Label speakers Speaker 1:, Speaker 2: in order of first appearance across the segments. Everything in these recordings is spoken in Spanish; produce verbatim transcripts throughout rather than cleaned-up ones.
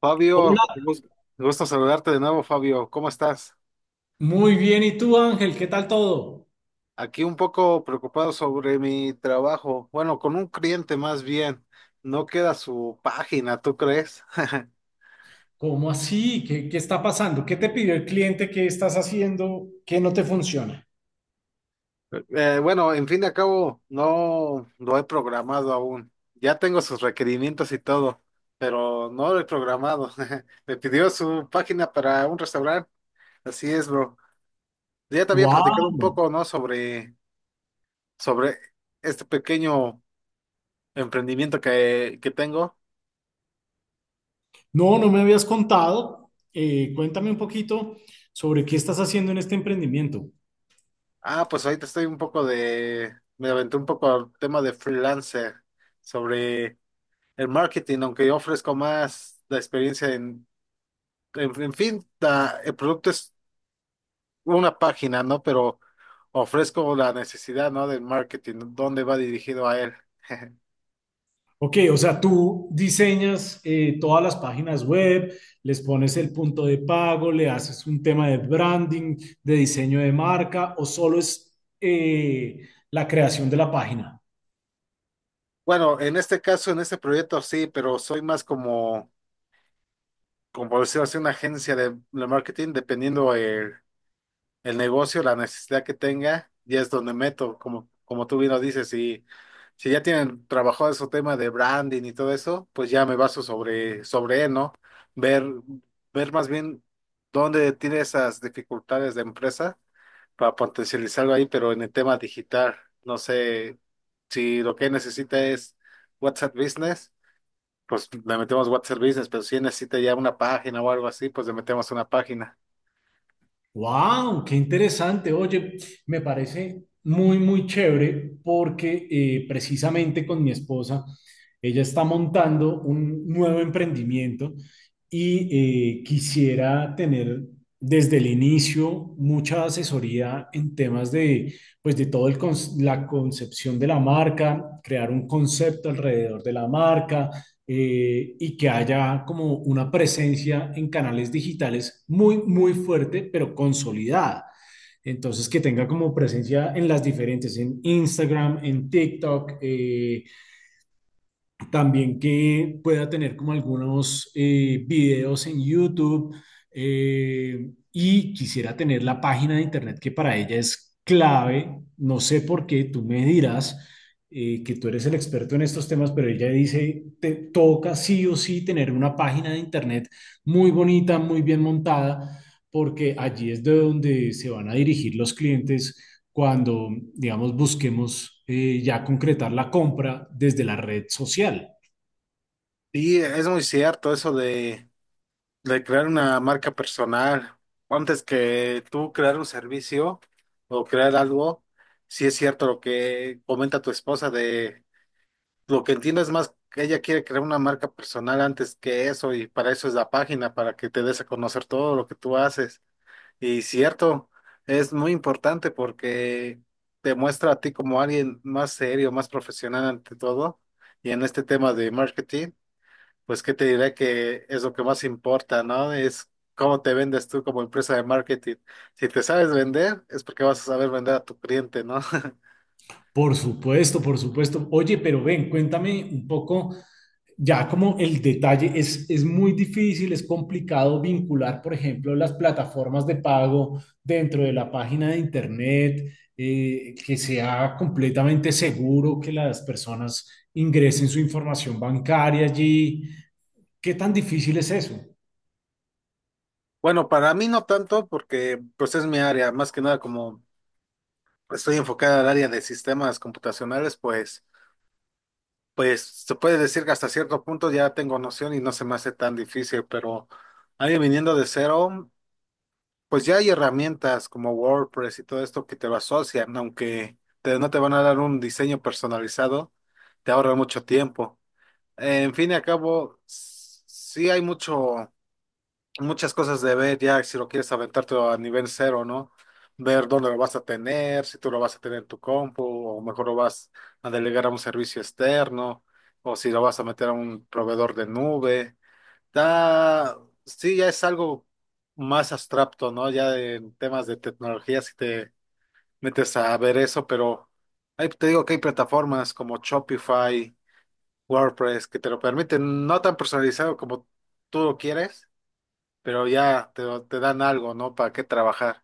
Speaker 1: Fabio,
Speaker 2: Hola,
Speaker 1: un gus- gusto saludarte de nuevo, Fabio. ¿Cómo estás?
Speaker 2: muy bien. ¿Y tú, Ángel? ¿Qué tal todo?
Speaker 1: Aquí un poco preocupado sobre mi trabajo. Bueno, con un cliente más bien. No queda su página, ¿tú crees?
Speaker 2: ¿Cómo así? ¿Qué, qué está pasando? ¿Qué te pidió el cliente? ¿Qué estás haciendo? ¿Qué no te funciona?
Speaker 1: Eh, bueno, en fin de cabo, no lo he programado aún. Ya tengo sus requerimientos y todo, pero no lo he programado. Me pidió su página para un restaurante. Así es, bro. Ya te había platicado un
Speaker 2: Wow.
Speaker 1: poco, ¿no? Sobre, sobre este pequeño emprendimiento que, que tengo.
Speaker 2: No, no me habías contado. Eh, cuéntame un poquito sobre qué estás haciendo en este emprendimiento.
Speaker 1: Ah, pues ahorita estoy un poco de, me aventé un poco al tema de freelancer sobre el marketing, aunque yo ofrezco más la experiencia en, en, en fin, la- el producto es una página, ¿no? Pero ofrezco la necesidad, ¿no? Del marketing, dónde va dirigido a él.
Speaker 2: Ok, o sea, tú diseñas eh, todas las páginas web, les pones el punto de pago, le haces un tema de branding, de diseño de marca, o solo es eh, la creación de la página.
Speaker 1: Bueno, en este caso, en este proyecto sí, pero soy más como, como, por decirlo así, una agencia de, de marketing, dependiendo el negocio, la necesidad que tenga, ya es donde meto, como, como tú bien lo dices, si, si, ya tienen trabajado su tema de branding y todo eso, pues ya me baso sobre, sobre, él, ¿no? Ver, ver más bien dónde tiene esas dificultades de empresa para potencializarlo ahí, pero en el tema digital, no sé si lo que necesita es WhatsApp Business, pues le metemos WhatsApp Business, pero si necesita ya una página o algo así, pues le metemos una página.
Speaker 2: Wow, qué interesante. Oye, me parece muy, muy chévere porque eh, precisamente con mi esposa, ella está montando un nuevo emprendimiento y eh, quisiera tener desde el inicio mucha asesoría en temas de, pues, de todo el cons- la concepción de la marca, crear un concepto alrededor de la marca, eh, y que haya como una presencia en canales digitales muy, muy fuerte, pero consolidada. Entonces, que tenga como presencia en las diferentes, en Instagram, en TikTok, eh, también que pueda tener como algunos eh, videos en YouTube, eh, y quisiera tener la página de internet, que para ella es clave. No sé por qué, tú me dirás, eh, que tú eres el experto en estos temas, pero ella dice, te toca sí o sí tener una página de internet muy bonita, muy bien montada, porque allí es de donde se van a dirigir los clientes cuando, digamos, busquemos eh, ya concretar la compra desde la red social.
Speaker 1: Y es muy cierto eso de de crear una marca personal, antes que tú crear un servicio o crear algo, si es cierto lo que comenta tu esposa de lo que entiendo es más que ella quiere crear una marca personal antes que eso y para eso es la página, para que te des a conocer todo lo que tú haces. Y cierto, es muy importante porque te muestra a ti como alguien más serio, más profesional ante todo. Y en este tema de marketing. Pues qué te diré que es lo que más importa, ¿no? Es cómo te vendes tú como empresa de marketing. Si te sabes vender, es porque vas a saber vender a tu cliente, ¿no?
Speaker 2: Por supuesto, por supuesto. Oye, pero ven, cuéntame un poco, ya como el detalle, es, es muy difícil, es complicado vincular, por ejemplo, las plataformas de pago dentro de la página de Internet, eh, que sea completamente seguro que las personas ingresen su información bancaria allí. ¿Qué tan difícil es eso?
Speaker 1: Bueno, para mí no tanto porque pues es mi área, más que nada como estoy enfocada al área de sistemas computacionales, pues pues se puede decir que hasta cierto punto ya tengo noción y no se me hace tan difícil, pero alguien viniendo de cero pues ya hay herramientas como WordPress y todo esto que te lo asocian, aunque te- no te van a dar un diseño personalizado, te ahorra mucho tiempo. En fin y al cabo, s- sí hay mucho, muchas cosas de ver ya si lo quieres aventarte a nivel cero, ¿no? Ver dónde lo vas a tener, si tú lo vas a tener en tu compu, o mejor lo vas a delegar a un servicio externo, o si lo vas a meter a un proveedor de nube. Da, sí, ya es algo más abstracto, ¿no? Ya en temas de tecnología, si te metes a ver eso, pero ahí te digo que hay plataformas como Shopify, WordPress, que te lo permiten, no tan personalizado como tú lo quieres, pero ya te, te dan algo, ¿no? Para qué trabajar.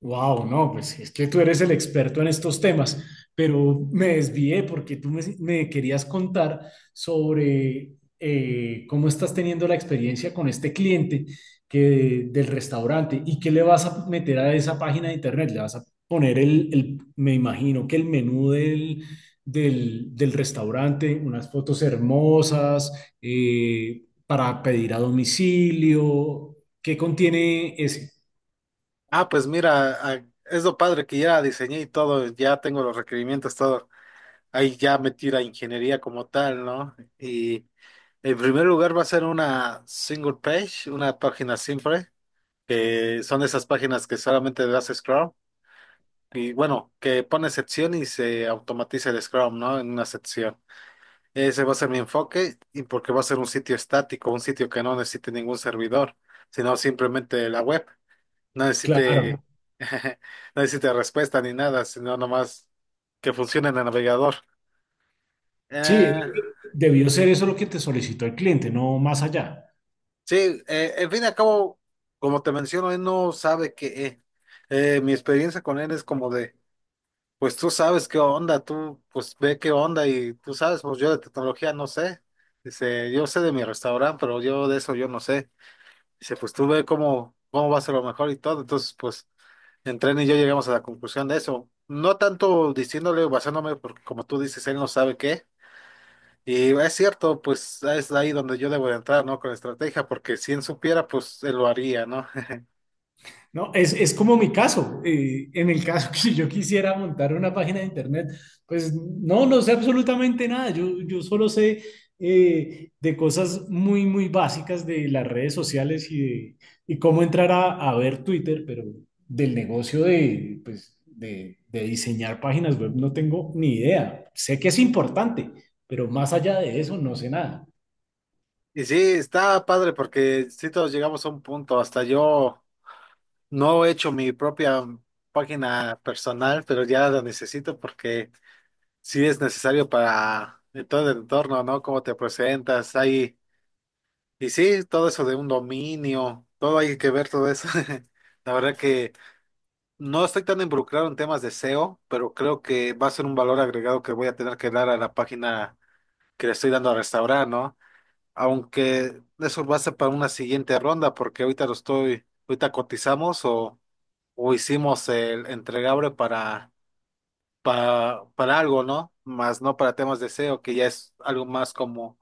Speaker 2: Wow, no, pues es que tú eres el experto en estos temas, pero me desvié porque tú me, me querías contar sobre eh, cómo estás teniendo la experiencia con este cliente que, del restaurante, y qué le vas a meter a esa página de internet. Le vas a poner el, el- me imagino que el menú del, del, del restaurante, unas fotos hermosas, eh, para pedir a domicilio. ¿Qué contiene ese?
Speaker 1: Ah, pues mira, ah, es lo padre que ya diseñé y todo, ya tengo los requerimientos, todo. Ahí ya metí la ingeniería como tal, ¿no? Y en primer lugar va a ser una single page, una página simple, que son esas páginas que solamente le das scroll. Y bueno, que pone sección y se automatiza el scroll, ¿no? En una sección. Ese va a ser mi enfoque y porque va a ser un sitio estático, un sitio que no necesite ningún servidor, sino simplemente la web. No necesite,
Speaker 2: Claro.
Speaker 1: no necesite respuesta ni nada, sino nomás que funcione en el navegador.
Speaker 2: Sí,
Speaker 1: Eh,
Speaker 2: debió ser eso lo que te solicitó el cliente, no más allá.
Speaker 1: Sí, eh, en fin y al cabo, como te menciono, él no sabe qué. eh. Eh, mi experiencia con él es como de, pues tú sabes qué onda, tú pues ve qué onda y tú sabes, pues yo de tecnología no sé. Dice, yo sé de mi restaurante, pero yo de eso yo no sé. Dice, pues tú ve cómo, cómo va a ser lo mejor y todo. Entonces, pues entre él y yo llegamos a la conclusión de eso. No tanto diciéndole o basándome, porque como tú dices, él no sabe qué. Y es cierto, pues es ahí donde yo debo de entrar, ¿no? Con estrategia, porque si él supiera, pues él lo haría, ¿no?
Speaker 2: No, es, es como mi caso. Eh, en el caso que yo quisiera montar una página de internet, pues no, no sé absolutamente nada. Yo, yo solo sé eh, de cosas muy, muy básicas de las redes sociales y, de, y cómo entrar a, a ver Twitter, pero del negocio de, pues, de, de diseñar páginas web, no tengo ni idea. Sé que es importante, pero más allá de eso no sé nada.
Speaker 1: Y sí, está padre, porque si todos llegamos a un punto, hasta yo no he hecho mi propia página personal, pero ya la necesito porque sí es necesario para eh, todo el entorno, ¿no? Cómo te presentas, ahí. Y sí, todo eso de un dominio, todo hay que ver todo eso. La verdad no estoy tan involucrado en temas de seo, pero creo que va a ser un valor agregado que voy a tener que dar a la página que le estoy dando a restaurar, ¿no? Aunque eso va a ser para una siguiente ronda, porque ahorita lo estoy, ahorita cotizamos o, o, hicimos el entregable para, para, para algo, ¿no? Más no para temas de seo, que ya es algo más como,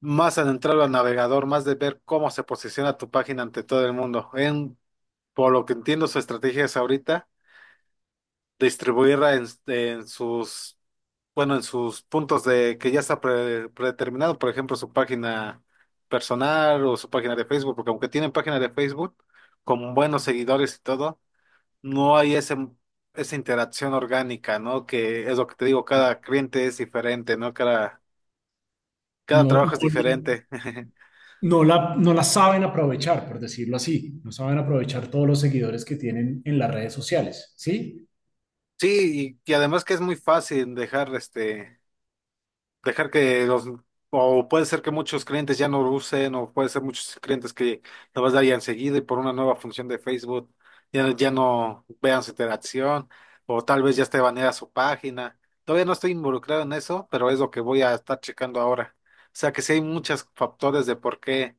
Speaker 1: más adentrado al navegador, más de ver cómo se posiciona tu página ante todo el mundo. En, por lo que entiendo, su estrategia es ahorita. Distribuir en, en sus, bueno, en sus puntos de que ya está pre- predeterminado, por ejemplo, su página personal o su página de Facebook, porque aunque tienen página de Facebook con buenos seguidores y todo, no hay ese, esa interacción orgánica, ¿no? Que es lo que te digo, cada cliente es diferente, ¿no? Cada, cada,
Speaker 2: No,
Speaker 1: trabajo es
Speaker 2: no,
Speaker 1: diferente.
Speaker 2: no la, no la saben aprovechar, por decirlo así. No saben aprovechar todos los seguidores que tienen en las redes sociales, ¿sí?
Speaker 1: Sí, y, y, además que es muy fácil dejar este dejar que los, o puede ser que muchos clientes ya no lo usen, o puede ser muchos clientes que lo vas a dar ya enseguida y por una nueva función de Facebook ya, ya no vean su interacción, o tal vez ya esté baneada su página. Todavía no estoy involucrado en eso, pero es lo que voy a estar checando ahora. O sea que sí hay muchos factores de por qué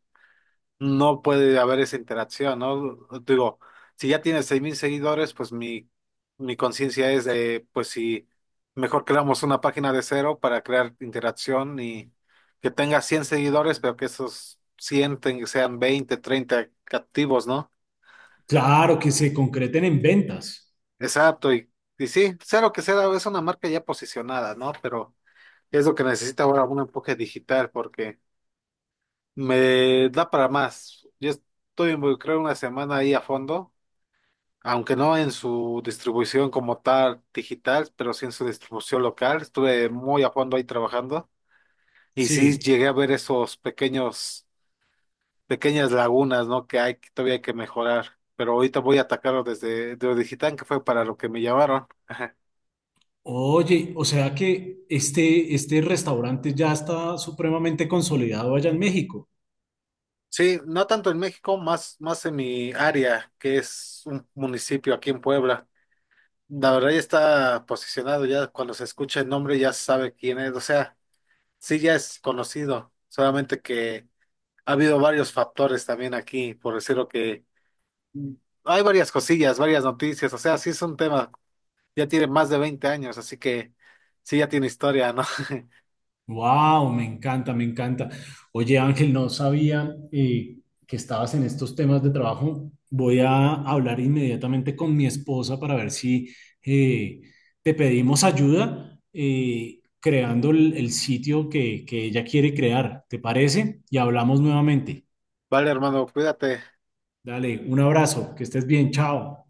Speaker 1: no puede haber esa interacción, ¿no? Digo, si ya tienes seis mil seguidores, pues mi, mi, conciencia es de, pues si mejor creamos una página de cero para crear interacción y que tenga cien seguidores, pero que esos cien ten- sean veinte, treinta activos, ¿no?
Speaker 2: Claro, que se concreten en ventas,
Speaker 1: Exacto, y, y sí, cero que sea, es una marca ya posicionada, ¿no? Pero es lo que necesita ahora un empuje digital porque me da para más. Yo estoy involucrado una semana ahí a fondo aunque no en su distribución como tal digital, pero sí en su distribución local. Estuve muy a fondo ahí trabajando y sí
Speaker 2: sí.
Speaker 1: llegué a ver esos pequeños, pequeñas lagunas, ¿no? Que hay, que todavía hay que mejorar. Pero ahorita voy a atacarlo desde de lo digital, que fue para lo que me llamaron. Ajá.
Speaker 2: Oye, o sea que este, este restaurante ya está supremamente consolidado allá en México.
Speaker 1: Sí, no tanto en México, más, más, en mi área, que es un municipio aquí en Puebla. La verdad ya está posicionado, ya cuando se escucha el nombre ya se sabe quién es, o sea, sí ya es conocido, solamente que ha habido varios factores también aquí, por decirlo que mm, hay varias cosillas, varias noticias, o sea, sí es un tema, ya tiene más de veinte años, así que sí ya tiene historia, ¿no?
Speaker 2: Wow, me encanta, me encanta. Oye, Ángel, no sabía eh, que estabas en estos temas de trabajo. Voy a hablar inmediatamente con mi esposa para ver si eh, te pedimos ayuda eh, creando el, el sitio que, que ella quiere crear. ¿Te parece? Y hablamos nuevamente.
Speaker 1: Vale, hermano, cuídate.
Speaker 2: Dale, un abrazo, que estés bien, chao.